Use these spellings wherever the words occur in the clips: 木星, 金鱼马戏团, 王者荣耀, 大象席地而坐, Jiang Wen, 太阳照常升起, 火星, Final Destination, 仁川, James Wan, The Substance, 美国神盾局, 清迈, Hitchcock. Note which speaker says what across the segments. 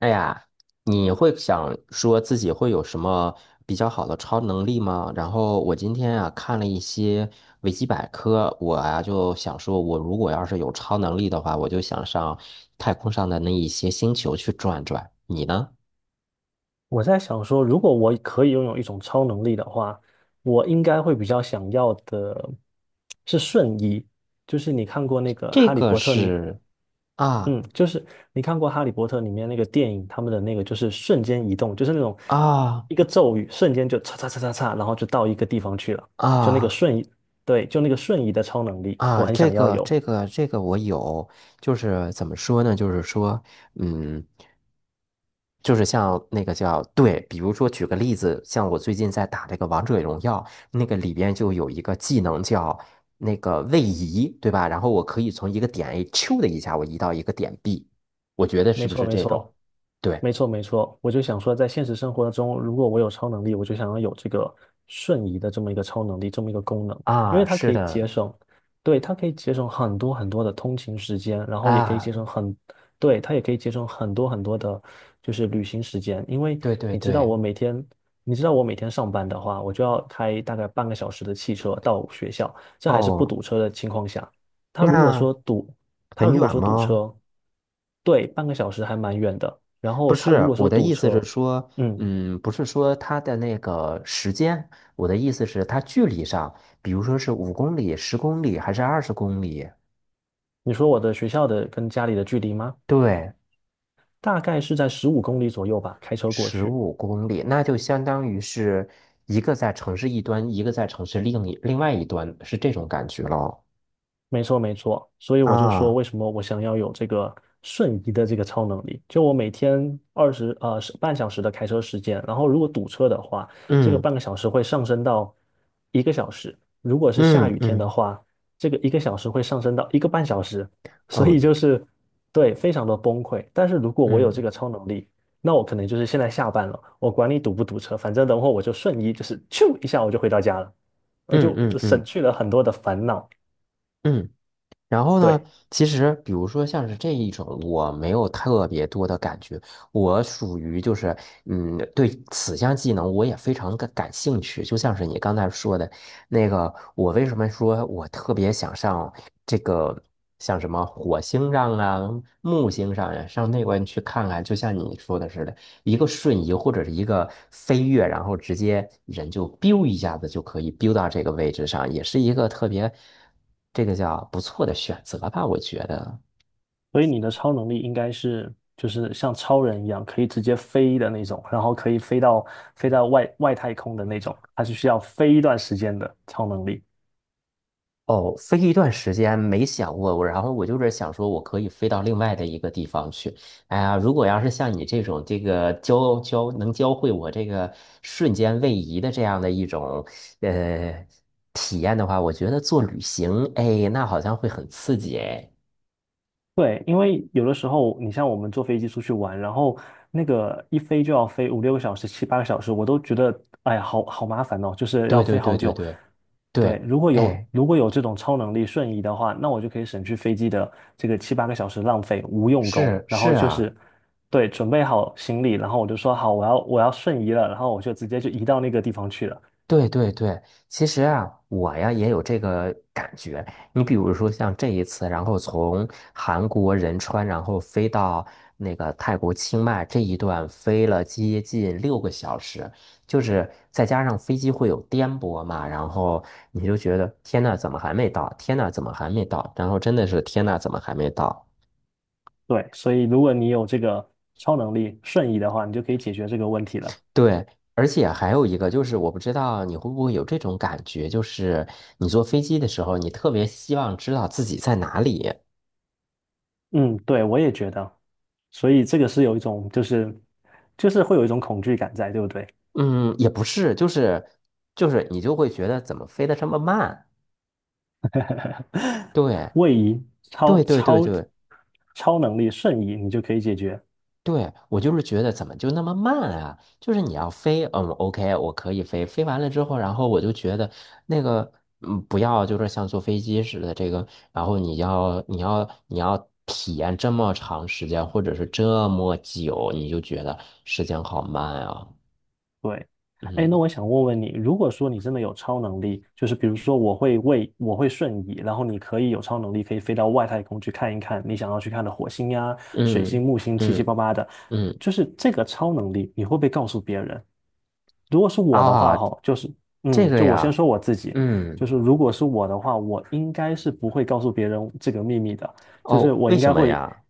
Speaker 1: 哎呀，你会想说自己会有什么比较好的超能力吗？然后我今天啊看了一些维基百科，我啊就想说，我如果要是有超能力的话，我就想上太空上的那一些星球去转转。你呢？
Speaker 2: 我在想说，如果我可以拥有一种超能力的话，我应该会比较想要的是瞬移。就是你看过那个
Speaker 1: 这
Speaker 2: 《哈利
Speaker 1: 个
Speaker 2: 波特》你，
Speaker 1: 是啊
Speaker 2: 嗯，就是你看过《哈利波特》里面那个电影，他们的那个就是瞬间移动，就是那种
Speaker 1: 啊
Speaker 2: 一个咒语，瞬间就嚓嚓嚓嚓嚓，然后就到一个地方去了，就那个
Speaker 1: 啊！
Speaker 2: 瞬移，对，就那个瞬移的超能力，我
Speaker 1: 啊，
Speaker 2: 很
Speaker 1: 这
Speaker 2: 想要
Speaker 1: 个
Speaker 2: 有。
Speaker 1: 这个这个我有，就是怎么说呢？就是说，嗯，就是像那个叫对，比如说举个例子，像我最近在打这个王者荣耀，那个里边就有一个技能叫那个位移，对吧？然后我可以从一个点 A 咻的一下，我移到一个点 B，我觉得
Speaker 2: 没
Speaker 1: 是不
Speaker 2: 错，
Speaker 1: 是
Speaker 2: 没
Speaker 1: 这种？
Speaker 2: 错，
Speaker 1: 对
Speaker 2: 没错，没错。我就想说，在现实生活中，如果我有超能力，我就想要有这个瞬移的这么一个超能力，这么一个功能，因为
Speaker 1: 啊，
Speaker 2: 它可
Speaker 1: 是
Speaker 2: 以节
Speaker 1: 的
Speaker 2: 省，对，它可以节省很多很多的通勤时间，然后也可以节省
Speaker 1: 啊，
Speaker 2: 很，对，它也可以节省很多很多的，就是旅行时间。因为
Speaker 1: 对对
Speaker 2: 你知道，
Speaker 1: 对，
Speaker 2: 我每天，你知道我每天上班的话，我就要开大概半个小时的汽车到学校，这还是不
Speaker 1: 哦，
Speaker 2: 堵车的情况下。它如果
Speaker 1: 那
Speaker 2: 说堵他
Speaker 1: 很
Speaker 2: 如果
Speaker 1: 远
Speaker 2: 说堵
Speaker 1: 吗？
Speaker 2: 车，对，半个小时还蛮远的。然
Speaker 1: 不
Speaker 2: 后他如
Speaker 1: 是，
Speaker 2: 果
Speaker 1: 我
Speaker 2: 说
Speaker 1: 的
Speaker 2: 堵
Speaker 1: 意思是
Speaker 2: 车，
Speaker 1: 说，
Speaker 2: 嗯，
Speaker 1: 嗯，不是说它的那个时间，我的意思是它距离上，比如说是五公里、十公里还是20公里？
Speaker 2: 你说我的学校的跟家里的距离吗？
Speaker 1: 对，
Speaker 2: 大概是在15公里左右吧，开车过
Speaker 1: 十
Speaker 2: 去。
Speaker 1: 五公里，那就相当于是一个在城市一端，一个在城市另外一端，是这种感觉咯。
Speaker 2: 没错，没错，所以我就说，
Speaker 1: 啊，
Speaker 2: 为什么我想要有这个瞬移的这个超能力？就我每天是半小时的开车时间，然后如果堵车的话，这个
Speaker 1: 嗯
Speaker 2: 半个小时会上升到一个小时；如果是下
Speaker 1: 嗯
Speaker 2: 雨天的
Speaker 1: 嗯，
Speaker 2: 话，这个一个小时会上升到一个半小时。所
Speaker 1: 哦，
Speaker 2: 以就是对，非常的崩溃。但是如果我有这
Speaker 1: 嗯
Speaker 2: 个超能力，那我可能就是现在下班了，我管你堵不堵车，反正等会儿我就瞬移，就是咻一下我就回到家了，我
Speaker 1: 嗯
Speaker 2: 就
Speaker 1: 嗯嗯
Speaker 2: 就省
Speaker 1: 嗯。
Speaker 2: 去了很多的烦恼。
Speaker 1: 嗯然后呢，
Speaker 2: 对。
Speaker 1: 其实比如说像是这一种，我没有特别多的感觉，我属于就是，嗯，对此项技能我也非常的感兴趣。就像是你刚才说的那个，我为什么说我特别想上这个，像什么火星上啊、木星上呀、上那边去看看，就像你说的似的。一个瞬移或者是一个飞跃，然后直接人就 biu 一下子就可以 biu 到这个位置上，也是一个特别这个叫不错的选择吧，我觉得。
Speaker 2: 所以你的超能力应该是就是像超人一样，可以直接飞的那种，然后可以飞到外太空的那种，它是需要飞一段时间的超能力。
Speaker 1: 哦，飞一段时间没想过，然后我就是想说，我可以飞到另外的一个地方去。哎呀，如果要是像你这种这个能教会我这个瞬间位移的这样的一种呃体验的话，我觉得做旅行，哎，那好像会很刺激，哎。
Speaker 2: 对，因为有的时候你像我们坐飞机出去玩，然后那个一飞就要飞五六个小时、七八个小时，我都觉得哎呀，好好麻烦哦，就是
Speaker 1: 对
Speaker 2: 要
Speaker 1: 对
Speaker 2: 飞
Speaker 1: 对
Speaker 2: 好
Speaker 1: 对
Speaker 2: 久。
Speaker 1: 对。
Speaker 2: 对，
Speaker 1: 对，
Speaker 2: 如果有
Speaker 1: 哎，
Speaker 2: 如果有这种超能力瞬移的话，那我就可以省去飞机的这个七八个小时浪费无用功，
Speaker 1: 是
Speaker 2: 然
Speaker 1: 是
Speaker 2: 后就
Speaker 1: 啊，
Speaker 2: 是，对，准备好行李，然后我就说好，我要瞬移了，然后我就直接就移到那个地方去了。
Speaker 1: 对对对，其实啊，我呀也有这个感觉。你比如说像这一次，然后从韩国仁川，然后飞到那个泰国清迈这一段，飞了接近6个小时，就是再加上飞机会有颠簸嘛，然后你就觉得天呐，怎么还没到？天呐，怎么还没到？然后真的是天呐，怎么还没到？
Speaker 2: 对，所以如果你有这个超能力瞬移的话，你就可以解决这个问题了。
Speaker 1: 对，而且还有一个就是，我不知道你会不会有这种感觉，就是你坐飞机的时候，你特别希望知道自己在哪里。
Speaker 2: 嗯，对，我也觉得。所以这个是有一种就是会有一种恐惧感在，对不对？
Speaker 1: 嗯，也不是你就会觉得怎么飞得这么慢？对，
Speaker 2: 位移、超
Speaker 1: 对，对，对，
Speaker 2: 超
Speaker 1: 对。
Speaker 2: 超能力、瞬移，你就可以解决。
Speaker 1: 对，我就是觉得怎么就那么慢啊？就是你要飞，嗯，OK，我可以飞，飞完了之后，然后我就觉得那个，嗯，不要就是像坐飞机似的这个，然后你要体验这么长时间，或者是这么久，你就觉得时间好慢啊。
Speaker 2: 对，哎，那
Speaker 1: 嗯
Speaker 2: 我想问问你，如果说你真的有超能力，就是比如说我会瞬移，然后你可以有超能力，可以飞到外太空去看一看你想要去看的火星呀、水星、
Speaker 1: 嗯
Speaker 2: 木星，七七
Speaker 1: 嗯
Speaker 2: 八八的，
Speaker 1: 嗯
Speaker 2: 就是这个超能力，你会不会告诉别人？如果是我的
Speaker 1: 啊，
Speaker 2: 话，哈，
Speaker 1: 这个
Speaker 2: 就我先
Speaker 1: 呀，
Speaker 2: 说我自己，就
Speaker 1: 嗯
Speaker 2: 是如果是我的话，我应该是不会告诉别人这个秘密的，就是
Speaker 1: 哦，
Speaker 2: 我
Speaker 1: 为
Speaker 2: 应
Speaker 1: 什
Speaker 2: 该
Speaker 1: 么
Speaker 2: 会
Speaker 1: 呀？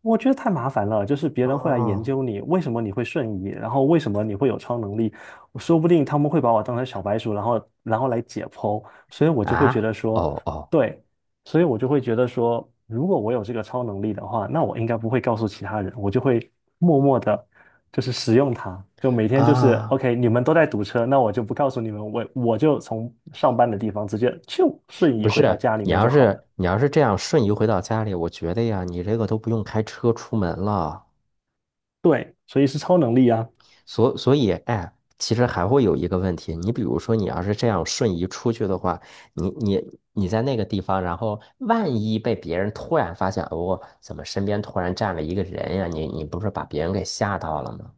Speaker 2: 我觉得太麻烦了，就是别人会来研
Speaker 1: 哦
Speaker 2: 究你，为什么你会瞬移，然后为什么你会有超能力，我说不定他们会把我当成小白鼠，然后来解剖，所以我就会觉
Speaker 1: 啊，
Speaker 2: 得说，
Speaker 1: 哦哦
Speaker 2: 对，所以我就会觉得说，如果我有这个超能力的话，那我应该不会告诉其他人，我就会默默的，就是使用它，就每天就是
Speaker 1: 啊。
Speaker 2: OK，你们都在堵车，那我就不告诉你们，我就从上班的地方直接就瞬
Speaker 1: 不
Speaker 2: 移回到
Speaker 1: 是，
Speaker 2: 家里
Speaker 1: 你
Speaker 2: 面
Speaker 1: 要
Speaker 2: 就好了，
Speaker 1: 是你要是这样瞬移回到家里，我觉得呀，你这个都不用开车出门了。
Speaker 2: 对，所以是超能力啊。
Speaker 1: 所以，哎，其实还会有一个问题，你比如说，你要是这样瞬移出去的话，你在那个地方，然后万一被别人突然发现，哦，怎么身边突然站了一个人呀？你不是把别人给吓到了吗？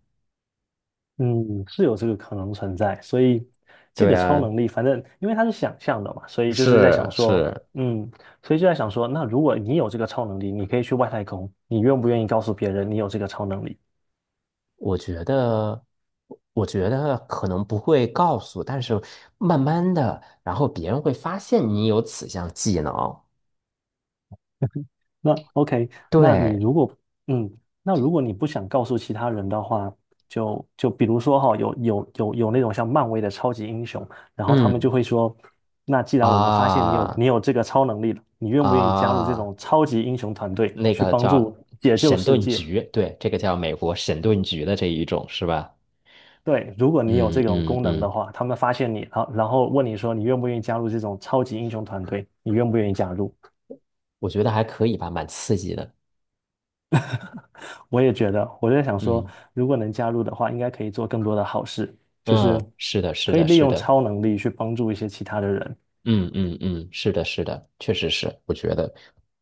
Speaker 2: 嗯，是有这个可能存在，所以这
Speaker 1: 对
Speaker 2: 个超
Speaker 1: 啊，
Speaker 2: 能力，反正因为它是想象的嘛，所以就是在想
Speaker 1: 是
Speaker 2: 说，
Speaker 1: 是，
Speaker 2: 嗯，所以就在想说，那如果你有这个超能力，你可以去外太空，你愿不愿意告诉别人你有这个超能力？
Speaker 1: 我觉得，我觉得可能不会告诉，但是慢慢的，然后别人会发现你有此项技能。
Speaker 2: 那 OK，那你
Speaker 1: 对，
Speaker 2: 如果嗯，那如果你不想告诉其他人的话，就比如说哈、有那种像漫威的超级英雄，然后他们就
Speaker 1: 嗯，
Speaker 2: 会说，那既然我们发现你有
Speaker 1: 啊
Speaker 2: 你有这个超能力了，你愿不愿意加入这
Speaker 1: 啊，
Speaker 2: 种超级英雄团队
Speaker 1: 那
Speaker 2: 去
Speaker 1: 个
Speaker 2: 帮
Speaker 1: 叫
Speaker 2: 助解救
Speaker 1: 神
Speaker 2: 世
Speaker 1: 盾
Speaker 2: 界？
Speaker 1: 局，对，这个叫美国神盾局的这一种是吧？
Speaker 2: 对，如果你有
Speaker 1: 嗯
Speaker 2: 这种
Speaker 1: 嗯
Speaker 2: 功能的
Speaker 1: 嗯，
Speaker 2: 话，他们发现你，然后问你说你愿不愿意加入这种超级英雄团队，你愿不愿意加入？
Speaker 1: 我觉得还可以吧，蛮刺激的。
Speaker 2: 我也觉得，我就在想说，
Speaker 1: 嗯
Speaker 2: 如果能加入的话，应该可以做更多的好事，就是
Speaker 1: 嗯，是的，是
Speaker 2: 可以
Speaker 1: 的，
Speaker 2: 利
Speaker 1: 是
Speaker 2: 用
Speaker 1: 的。
Speaker 2: 超能力去帮助一些其他的人。
Speaker 1: 嗯嗯嗯，是的，是的，确实是，我觉得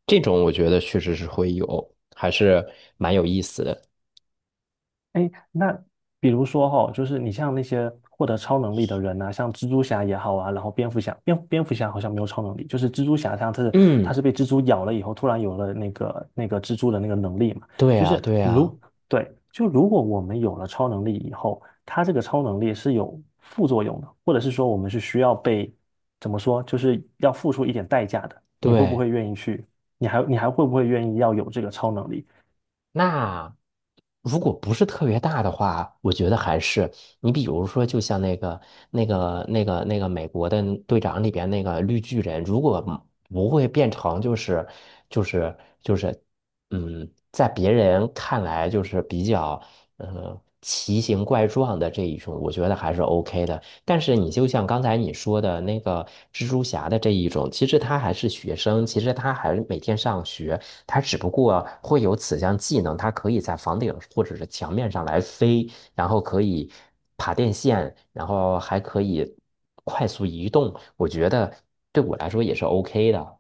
Speaker 1: 这种我觉得确实是会有，还是蛮有意思的。
Speaker 2: 哎，那比如说哈、就是你像那些获得超能力的人呐、像蜘蛛侠也好啊，然后蝙蝠侠，蝙蝠侠好像没有超能力，就是蜘蛛侠他是
Speaker 1: 嗯，
Speaker 2: 被蜘蛛咬了以后，突然有了那个蜘蛛的那个能力嘛，
Speaker 1: 对
Speaker 2: 就
Speaker 1: 呀，
Speaker 2: 是
Speaker 1: 对呀，
Speaker 2: 如对，就如果我们有了超能力以后，他这个超能力是有副作用的，或者是说我们是需要被怎么说，就是要付出一点代价的，你会不
Speaker 1: 对。
Speaker 2: 会愿意去？你还会不会愿意要有这个超能力？
Speaker 1: 那如果不是特别大的话，我觉得还是你比如说，就像那个美国的队长里边那个绿巨人，如果不会变成就是就是就是，嗯，在别人看来就是比较奇形怪状的这一种，我觉得还是 OK 的。但是你就像刚才你说的那个蜘蛛侠的这一种，其实他还是学生，其实他还每天上学。它只不过会有此项技能，它可以在房顶或者是墙面上来飞，然后可以爬电线，然后还可以快速移动。我觉得对我来说也是 OK 的。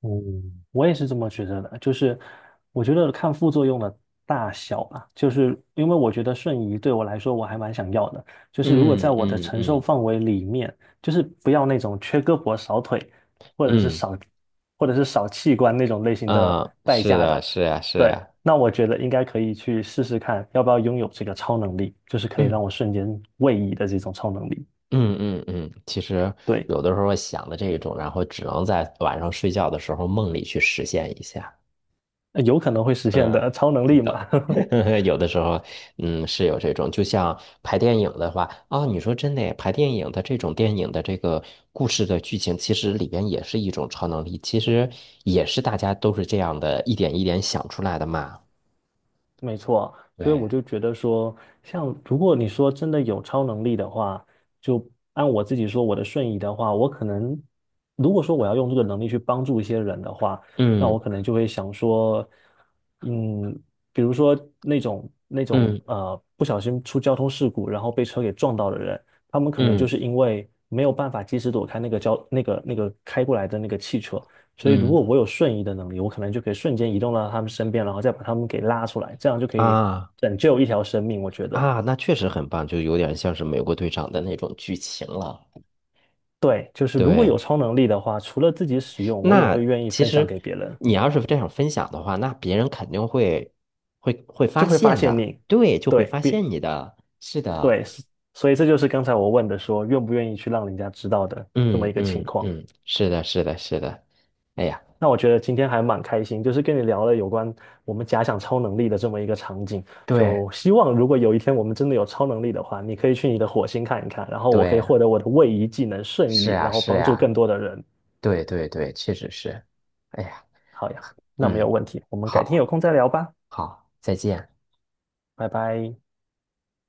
Speaker 2: 嗯，我也是这么觉得的，就是我觉得看副作用的大小吧，就是因为我觉得瞬移对我来说我还蛮想要的，就是如果在
Speaker 1: 嗯
Speaker 2: 我的
Speaker 1: 嗯
Speaker 2: 承受
Speaker 1: 嗯
Speaker 2: 范围里面，就是不要那种缺胳膊少腿，或者是
Speaker 1: 嗯
Speaker 2: 少或者是少器官那种类型的
Speaker 1: 嗯，
Speaker 2: 代
Speaker 1: 是
Speaker 2: 价的，
Speaker 1: 的，是呀，是
Speaker 2: 对，
Speaker 1: 呀。
Speaker 2: 那我觉得应该可以去试试看，要不要拥有这个超能力，就是可以让
Speaker 1: 嗯
Speaker 2: 我瞬间位移的这种超能力，
Speaker 1: 嗯嗯嗯，其实
Speaker 2: 对，
Speaker 1: 有的时候想的这一种，然后只能在晚上睡觉的时候梦里去实现一下。
Speaker 2: 有可能会实现
Speaker 1: 嗯，
Speaker 2: 的超能
Speaker 1: 是
Speaker 2: 力嘛。
Speaker 1: 的，有的时候，嗯，是有这种，就像拍电影的话，啊、你说真的耶拍电影的这种电影的这个故事的剧情，其实里边也是一种超能力，其实也是大家都是这样的，一点一点想出来的嘛。
Speaker 2: 没错，所以我
Speaker 1: 对，
Speaker 2: 就觉得说，像如果你说真的有超能力的话，就按我自己说我的瞬移的话，我可能如果说我要用这个能力去帮助一些人的话，那
Speaker 1: 嗯
Speaker 2: 我可能就会想说，嗯，比如说那种那种
Speaker 1: 嗯
Speaker 2: 呃不小心出交通事故，然后被车给撞到的人，他们可能
Speaker 1: 嗯
Speaker 2: 就是因为没有办法及时躲开那个开过来的那个汽车，所以如
Speaker 1: 嗯，
Speaker 2: 果我有瞬移的能力，我可能就可以瞬间移动到他们身边，然后再把他们给拉出来，这样就可以
Speaker 1: 啊
Speaker 2: 拯救一条生命。我觉得，
Speaker 1: 啊，那确实很棒，就有点像是美国队长的那种剧情了。
Speaker 2: 对，就是如果
Speaker 1: 对。
Speaker 2: 有超能力的话，除了自己使用，我也
Speaker 1: 那
Speaker 2: 会愿意
Speaker 1: 其
Speaker 2: 分享
Speaker 1: 实
Speaker 2: 给别人，
Speaker 1: 你要是这样分享的话，那别人肯定会发
Speaker 2: 就会发
Speaker 1: 现
Speaker 2: 现
Speaker 1: 的，
Speaker 2: 你，
Speaker 1: 对，就会
Speaker 2: 对，
Speaker 1: 发现你的啊，
Speaker 2: 对，所以这就是刚才我问的说，愿不愿意去让人家知道的这么
Speaker 1: 嗯
Speaker 2: 一个情
Speaker 1: 嗯
Speaker 2: 况。
Speaker 1: 嗯，是的，是的，是的，哎呀，
Speaker 2: 那我觉得今天还蛮开心，就是跟你聊了有关我们假想超能力的这么一个场景。
Speaker 1: 对
Speaker 2: 就希望如果有一天我们真的有超能力的话，你可以去你的火星看一看，然后我可以
Speaker 1: 对，
Speaker 2: 获得我的位移技能瞬
Speaker 1: 是
Speaker 2: 移，
Speaker 1: 呀，
Speaker 2: 然后
Speaker 1: 是
Speaker 2: 帮助更
Speaker 1: 呀，
Speaker 2: 多的人。
Speaker 1: 对对对，确实是，哎呀，
Speaker 2: 好呀，那没有
Speaker 1: 嗯，
Speaker 2: 问题，我们改天有
Speaker 1: 好，
Speaker 2: 空再聊吧，
Speaker 1: 好，再见。
Speaker 2: 拜拜。